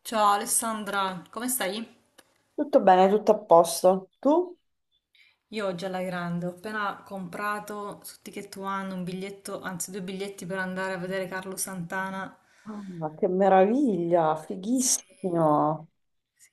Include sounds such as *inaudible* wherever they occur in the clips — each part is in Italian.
Ciao Alessandra, come stai? Tutto bene, tutto a posto. Tu? Io oggi alla grande, ho appena comprato su Ticket One un biglietto, anzi due biglietti per andare a vedere Carlo Santana. Ah, che meraviglia, Sì, fighissimo. sì.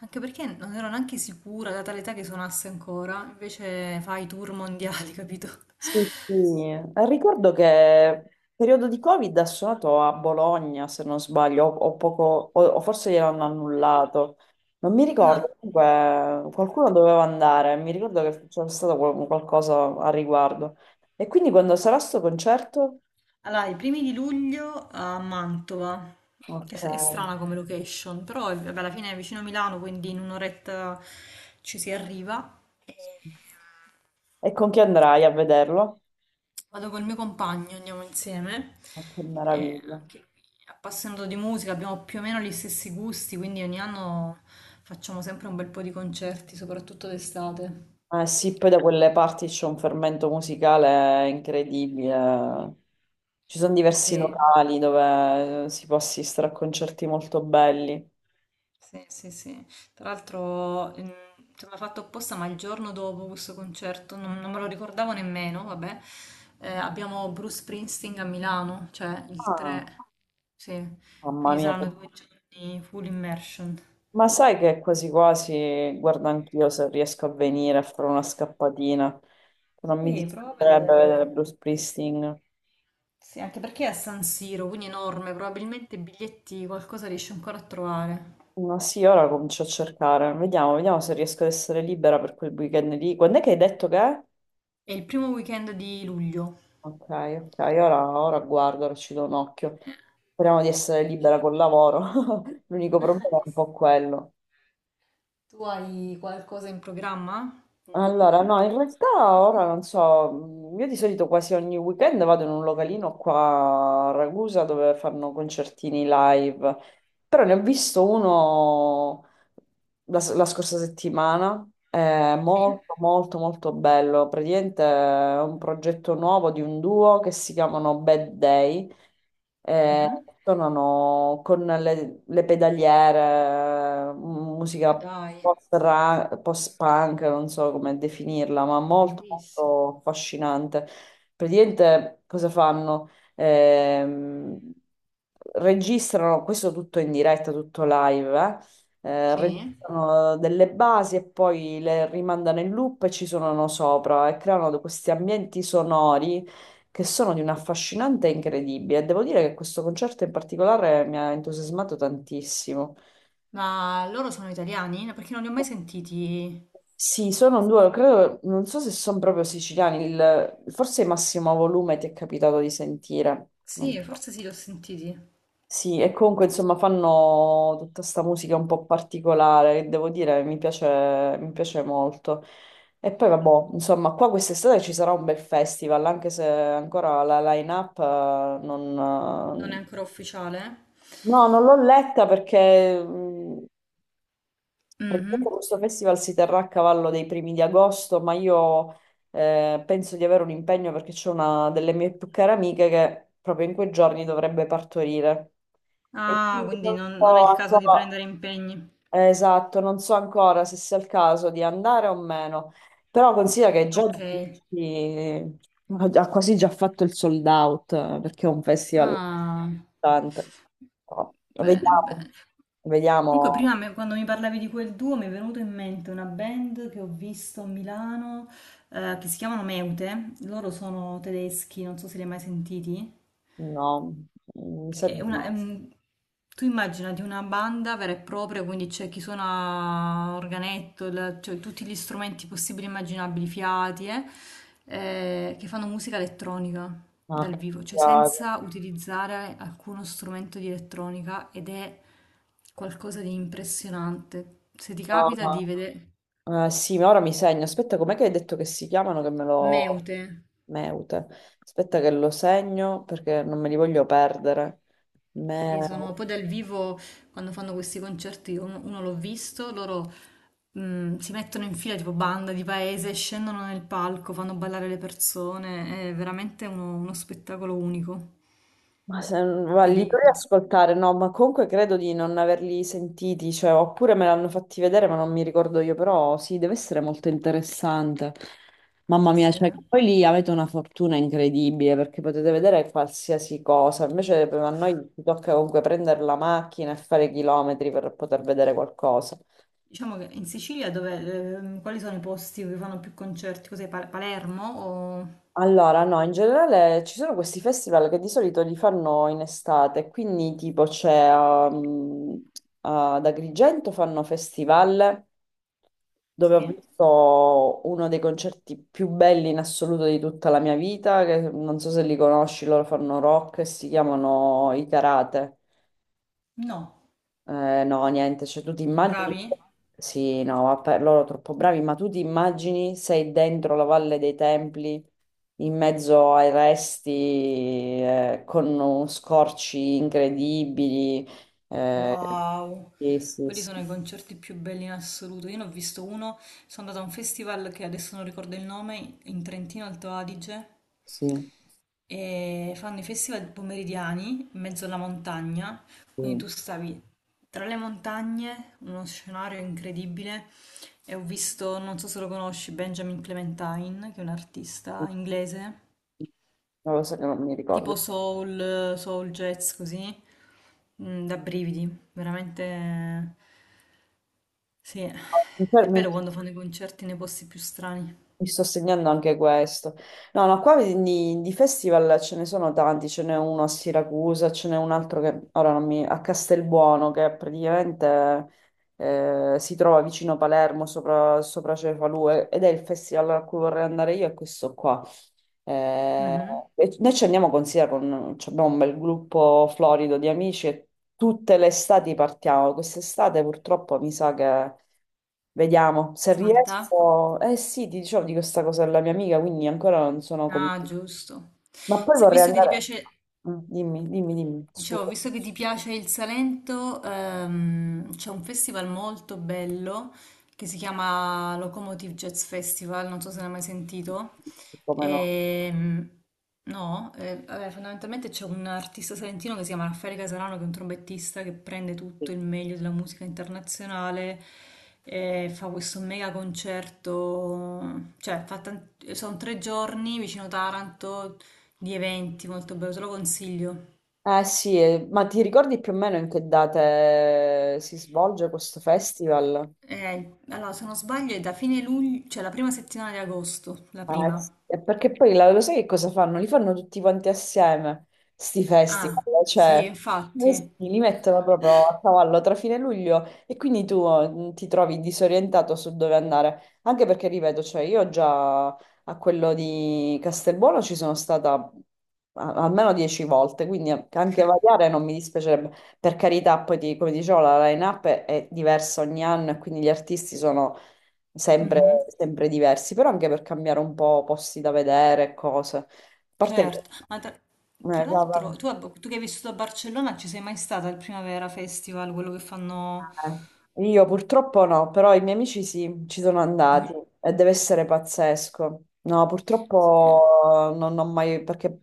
Anche perché non ero neanche sicura, data l'età che suonasse ancora, invece fa i tour mondiali, *laughs* capito? Sì, sì. Ricordo che periodo di Covid ha suonato a Bologna, se non sbaglio, o poco, o forse gliel'hanno annullato. Non mi Ah, ricordo, comunque qualcuno doveva andare, mi ricordo che c'era stato qualcosa a riguardo. E quindi quando sarà sto concerto? allora, i primi di luglio a Mantova, Ok. È strana come location, vabbè, alla fine è vicino a Milano, quindi in un'oretta ci si arriva. E con chi andrai a vederlo? Vado col mio compagno, andiamo insieme. Oh, che E meraviglia. anche lui, appassionato di musica, abbiamo più o meno gli stessi gusti, quindi ogni anno facciamo sempre un bel po' di concerti, soprattutto d'estate. Eh sì, poi da quelle parti c'è un fermento musicale incredibile. Ci sono diversi Sì, locali dove si può assistere a concerti molto belli. sì, sì, sì. Tra l'altro, insomma, fatto apposta, ma il giorno dopo questo concerto, non me lo ricordavo nemmeno, vabbè, abbiamo Bruce Springsteen a Milano, cioè il Ah, 3, sì, mamma quindi mia, saranno 2 giorni full immersion. ma sai che quasi quasi guardo anch'io se riesco a venire a fare una scappatina. Non mi Sì, prova a dispiacerebbe vedere. vedere Bruce Springsteen. Sì, anche perché è a San Siro, quindi enorme, probabilmente biglietti qualcosa riesce ancora a trovare. Ma sì, ora comincio a cercare. Vediamo, vediamo se riesco ad essere libera per quel weekend lì. Quando è che hai detto che è? È il primo weekend di luglio. Ok, ok, ora, ora guardo, ora ci do un occhio. Speriamo di essere libera col lavoro. *laughs* L'unico problema è un Nice. po' quello. Tu hai qualcosa in programma? Allora, no, in realtà ora non so, io di solito quasi ogni weekend vado in un localino qua a Ragusa dove fanno concertini live, però ne ho visto uno la scorsa settimana, è Sì? molto molto molto bello, praticamente è un progetto nuovo di un duo che si chiamano Bad Day. Eh, Mhm. tornano con le pedaliere, Ma musica dai, post-punk, non so come definirla, ma molto, bellissimo. molto affascinante. Praticamente cosa fanno? Ehm, registrano questo tutto in diretta, tutto live, Sì? registrano delle basi e poi le rimandano in loop e ci suonano sopra e creano questi ambienti sonori che sono di un affascinante e incredibile. Devo dire che questo concerto in particolare mi ha entusiasmato tantissimo. Ma loro sono italiani? No, perché non li ho mai sentiti. Sì, sono un duo, credo, non so se sono proprio siciliani, forse Massimo Volume ti è capitato di sentire. Sì, So. forse sì, li ho sentiti. Sì, e comunque insomma fanno tutta sta musica un po' particolare, che devo dire mi piace molto. E poi vabbè, insomma, qua quest'estate ci sarà un bel festival, anche se ancora la line-up Non è non, ancora ufficiale? no, non l'ho letta perché praticamente Mhm. questo festival si terrà a cavallo dei primi di agosto, ma io penso di avere un impegno perché c'è una delle mie più care amiche che proprio in quei giorni dovrebbe partorire. E Ah, quindi quindi non non è so il caso di ancora, prendere impegni. Esatto, non so ancora se sia il caso di andare o meno, però considera che già Ok. eh, ha quasi già fatto il sold out perché è un festival Ah, tanto. No. bene, Vediamo, bene. Comunque, vediamo. Quando mi parlavi di quel duo mi è venuto in mente una band che ho visto a Milano che si chiamano Meute. Loro sono tedeschi, non so se li hai mai sentiti. No, mi sa È di no. una- è un- Tu immaginati una banda vera e propria, quindi c'è chi suona organetto, cioè tutti gli strumenti possibili e immaginabili, fiati, che fanno musica elettronica Ma dal che vivo, cioè cavolo. senza utilizzare alcuno strumento di elettronica ed è qualcosa di impressionante. Se ti capita di No, vedere sì, ma ora mi segno. Aspetta, com'è che hai detto che si chiamano che me lo... Meute. Meute. Aspetta che lo segno perché non me li voglio perdere. Sì, sono Meute. poi dal vivo quando fanno questi concerti, io uno l'ho visto, loro mm, si mettono in fila tipo banda di paese, scendono nel palco, fanno ballare le persone, è veramente uno spettacolo unico. Ma se, ma Te li li dovrei consiglio. ascoltare, no, ma comunque credo di non averli sentiti, cioè, oppure me l'hanno fatti vedere, ma non mi ricordo io, però sì, deve essere molto interessante. Mamma Sì, mia, sì, cioè, eh. poi lì avete una fortuna incredibile perché potete vedere qualsiasi cosa, invece a noi ci tocca comunque prendere la macchina e fare chilometri per poter vedere qualcosa. Diciamo che in Sicilia dove, quali sono i posti dove fanno più concerti? Cos'è, Palermo o... Allora, no, in generale ci sono questi festival che di solito li fanno in estate, quindi tipo c'è ad Agrigento fanno festival dove ho Sì? visto uno dei concerti più belli in assoluto di tutta la mia vita, che non so se li conosci, loro fanno rock e si chiamano i Karate. No, No, niente, cioè tu ti sono immagini, bravi? sì, no, vabbè, loro troppo bravi, ma tu ti immagini sei dentro la Valle dei Templi, in mezzo ai resti, con scorci incredibili, eh, Wow, sì, sì, quelli sì, sono i concerti più belli in assoluto. Io ne ho visto uno, sono andata a un festival che adesso non ricordo il nome, in Trentino Alto Adige, sì, e fanno i festival pomeridiani in mezzo alla montagna, sì. quindi Non tu stavi tra le montagne, uno scenario incredibile, e ho visto, non so se lo conosci, Benjamin Clementine, che è un artista inglese lo so che non mi tipo ricordo. soul, soul jazz così, mm, da brividi, veramente sì, Mi è fermo. bello quando fanno i concerti nei posti più strani. Mi sto segnando anche questo. No, no, qua di festival ce ne sono tanti, ce n'è uno a Siracusa, ce n'è un altro che ora non mi... a Castelbuono, che praticamente si trova vicino Palermo, sopra, sopra Cefalù, ed è il festival a cui vorrei andare io, è questo qua. Eh, Mhm. e noi ci andiamo, considera, con, ci abbiamo un bel gruppo florido di amici e tutte le estati partiamo. Quest'estate purtroppo mi sa che vediamo se Salta? riesco. Eh sì, ti dicevo di questa cosa della mia amica, quindi ancora non sono Ah, convinta. giusto. Ma poi Se, vorrei visto che ti andare. piace, Mm, dimmi, dimmi, dimmi, dicevo, scusa. visto che ti piace il Salento, c'è un festival molto bello che si chiama Locomotive Jazz Festival, non so se ne hai mai sentito. Come no? Ehm, no, vabbè, fondamentalmente c'è un artista salentino che si chiama Raffaele Casalano, che è un trombettista che prende Sì. tutto il meglio della musica internazionale e fa questo mega concerto, cioè sono 3 giorni vicino Taranto di eventi molto bello, te lo consiglio. Eh sì, ma ti ricordi più o meno in che date si svolge questo festival? Allora, se non sbaglio è da fine luglio, cioè la prima settimana di agosto, la Ah, eh prima. sì, e perché poi lo sai che cosa fanno? Li fanno tutti quanti assieme, sti festival, Ah, cioè sì, eh sì, infatti. li mettono proprio a cavallo tra fine luglio e quindi tu ti trovi disorientato su dove andare, anche perché, ripeto, cioè io già a quello di Castelbuono ci sono stata almeno 10 volte, quindi anche variare non mi dispiacerebbe. Per carità, poi come dicevo, la line-up è diversa ogni anno e quindi gli artisti sono sempre, Mhm, sempre diversi, però anche per cambiare un po' posti da vedere, e cose. A parte che certo, ma tra eh, va- l'altro va- tu, tu che hai vissuto a Barcellona ci sei mai stata al Primavera Festival, quello che fanno... eh. Io purtroppo no, però i miei amici sì, ci sono Mhm, andati e deve essere pazzesco. No, sì. purtroppo non ho mai, perché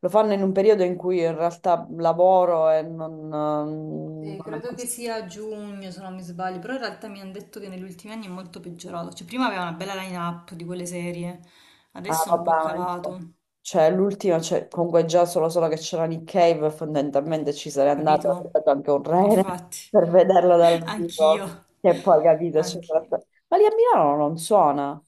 lo fanno in un periodo in cui in realtà lavoro e non, non Sì, è credo mai. che sia a giugno se non mi sbaglio, però in realtà mi hanno detto che negli ultimi anni è molto peggiorato, cioè prima aveva una bella line-up di quelle serie, Ah, adesso è vabbè, un po' ma insomma. calato. Cioè, l'ultima, cioè, comunque già solo, solo che c'era Nick Cave, fondamentalmente ci Hai sarei andata, capito? avrei dato anche un rene *laughs* Infatti, per vederlo *laughs* dal anch'io, vivo, che poi capito, ci sarà anch'io. stato... Ma lì a Milano non suona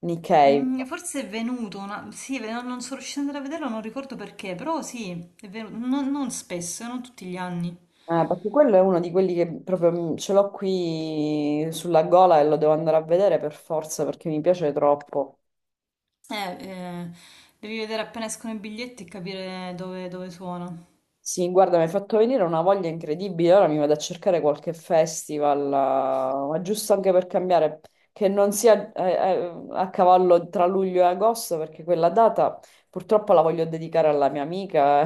Nick Cave. Mm, forse è venuto una... Sì, non sono riuscita ad andare a vederlo, non ricordo perché, però sì, è venuto, non spesso, non tutti gli anni. Perché quello è uno di quelli che proprio mm, ce l'ho qui sulla gola e lo devo andare a vedere per forza perché mi piace troppo. Eh, eh, devi vedere appena escono i biglietti e capire dove suona. Sì, guarda, mi hai fatto venire una voglia incredibile. Ora mi vado a cercare qualche festival, ma giusto anche per cambiare, che non sia a cavallo tra luglio e agosto, perché quella data purtroppo la voglio dedicare alla mia amica.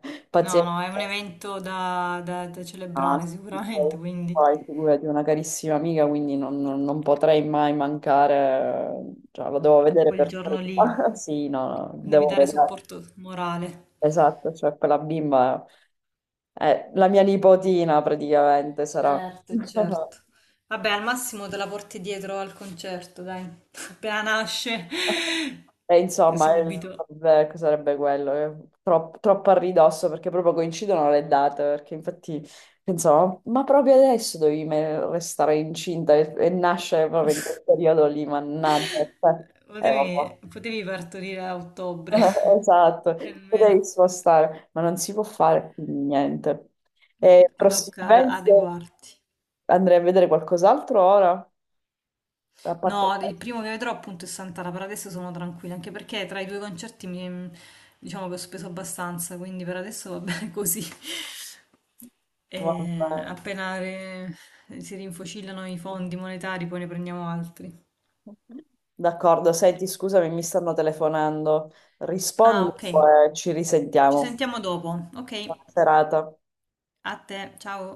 *laughs* No, Pazienza, no, è un evento da ah, celebrare sì, poi sicuramente, quindi poi figurati, una carissima amica, quindi non, non potrei mai mancare. Eh, cioè, la devo a vedere quel per giorno lì prima. *laughs* Sì, no, no, devi devo dare vedere. supporto morale. Esatto, cioè quella bimba è la mia nipotina praticamente sarà. Certo, *laughs* certo. Vabbè, al massimo te la porti dietro al concerto, dai. *laughs* Appena nasce, E *laughs* insomma, subito. vabbè, che sarebbe quello? Troppo a ridosso perché proprio coincidono le date, perché infatti pensavo, ma proprio adesso dovevi restare incinta e nascere proprio in quel periodo lì, mannaggia. Cioè, vabbè. Potevi, potevi partorire a ottobre, *laughs* Esatto, *laughs* e potevi almeno. spostare, ma non si può fare quindi niente. E Niente, ti tocca prossimamente... adeguarti. Andrei a vedere qualcos'altro ora, a parte No, il questo. primo che vedrò appunto è Sant'Ala, per adesso sono tranquilla, anche perché tra i due concerti diciamo che ho speso abbastanza, quindi per adesso va *laughs* bene così. Vabbè. E si rinfocillano i fondi monetari, poi ne prendiamo altri. D'accordo, senti, scusami, mi stanno telefonando. Rispondi Ah, ok. e ci Ci risentiamo. sentiamo dopo. Ok, Buona serata. a te, ciao.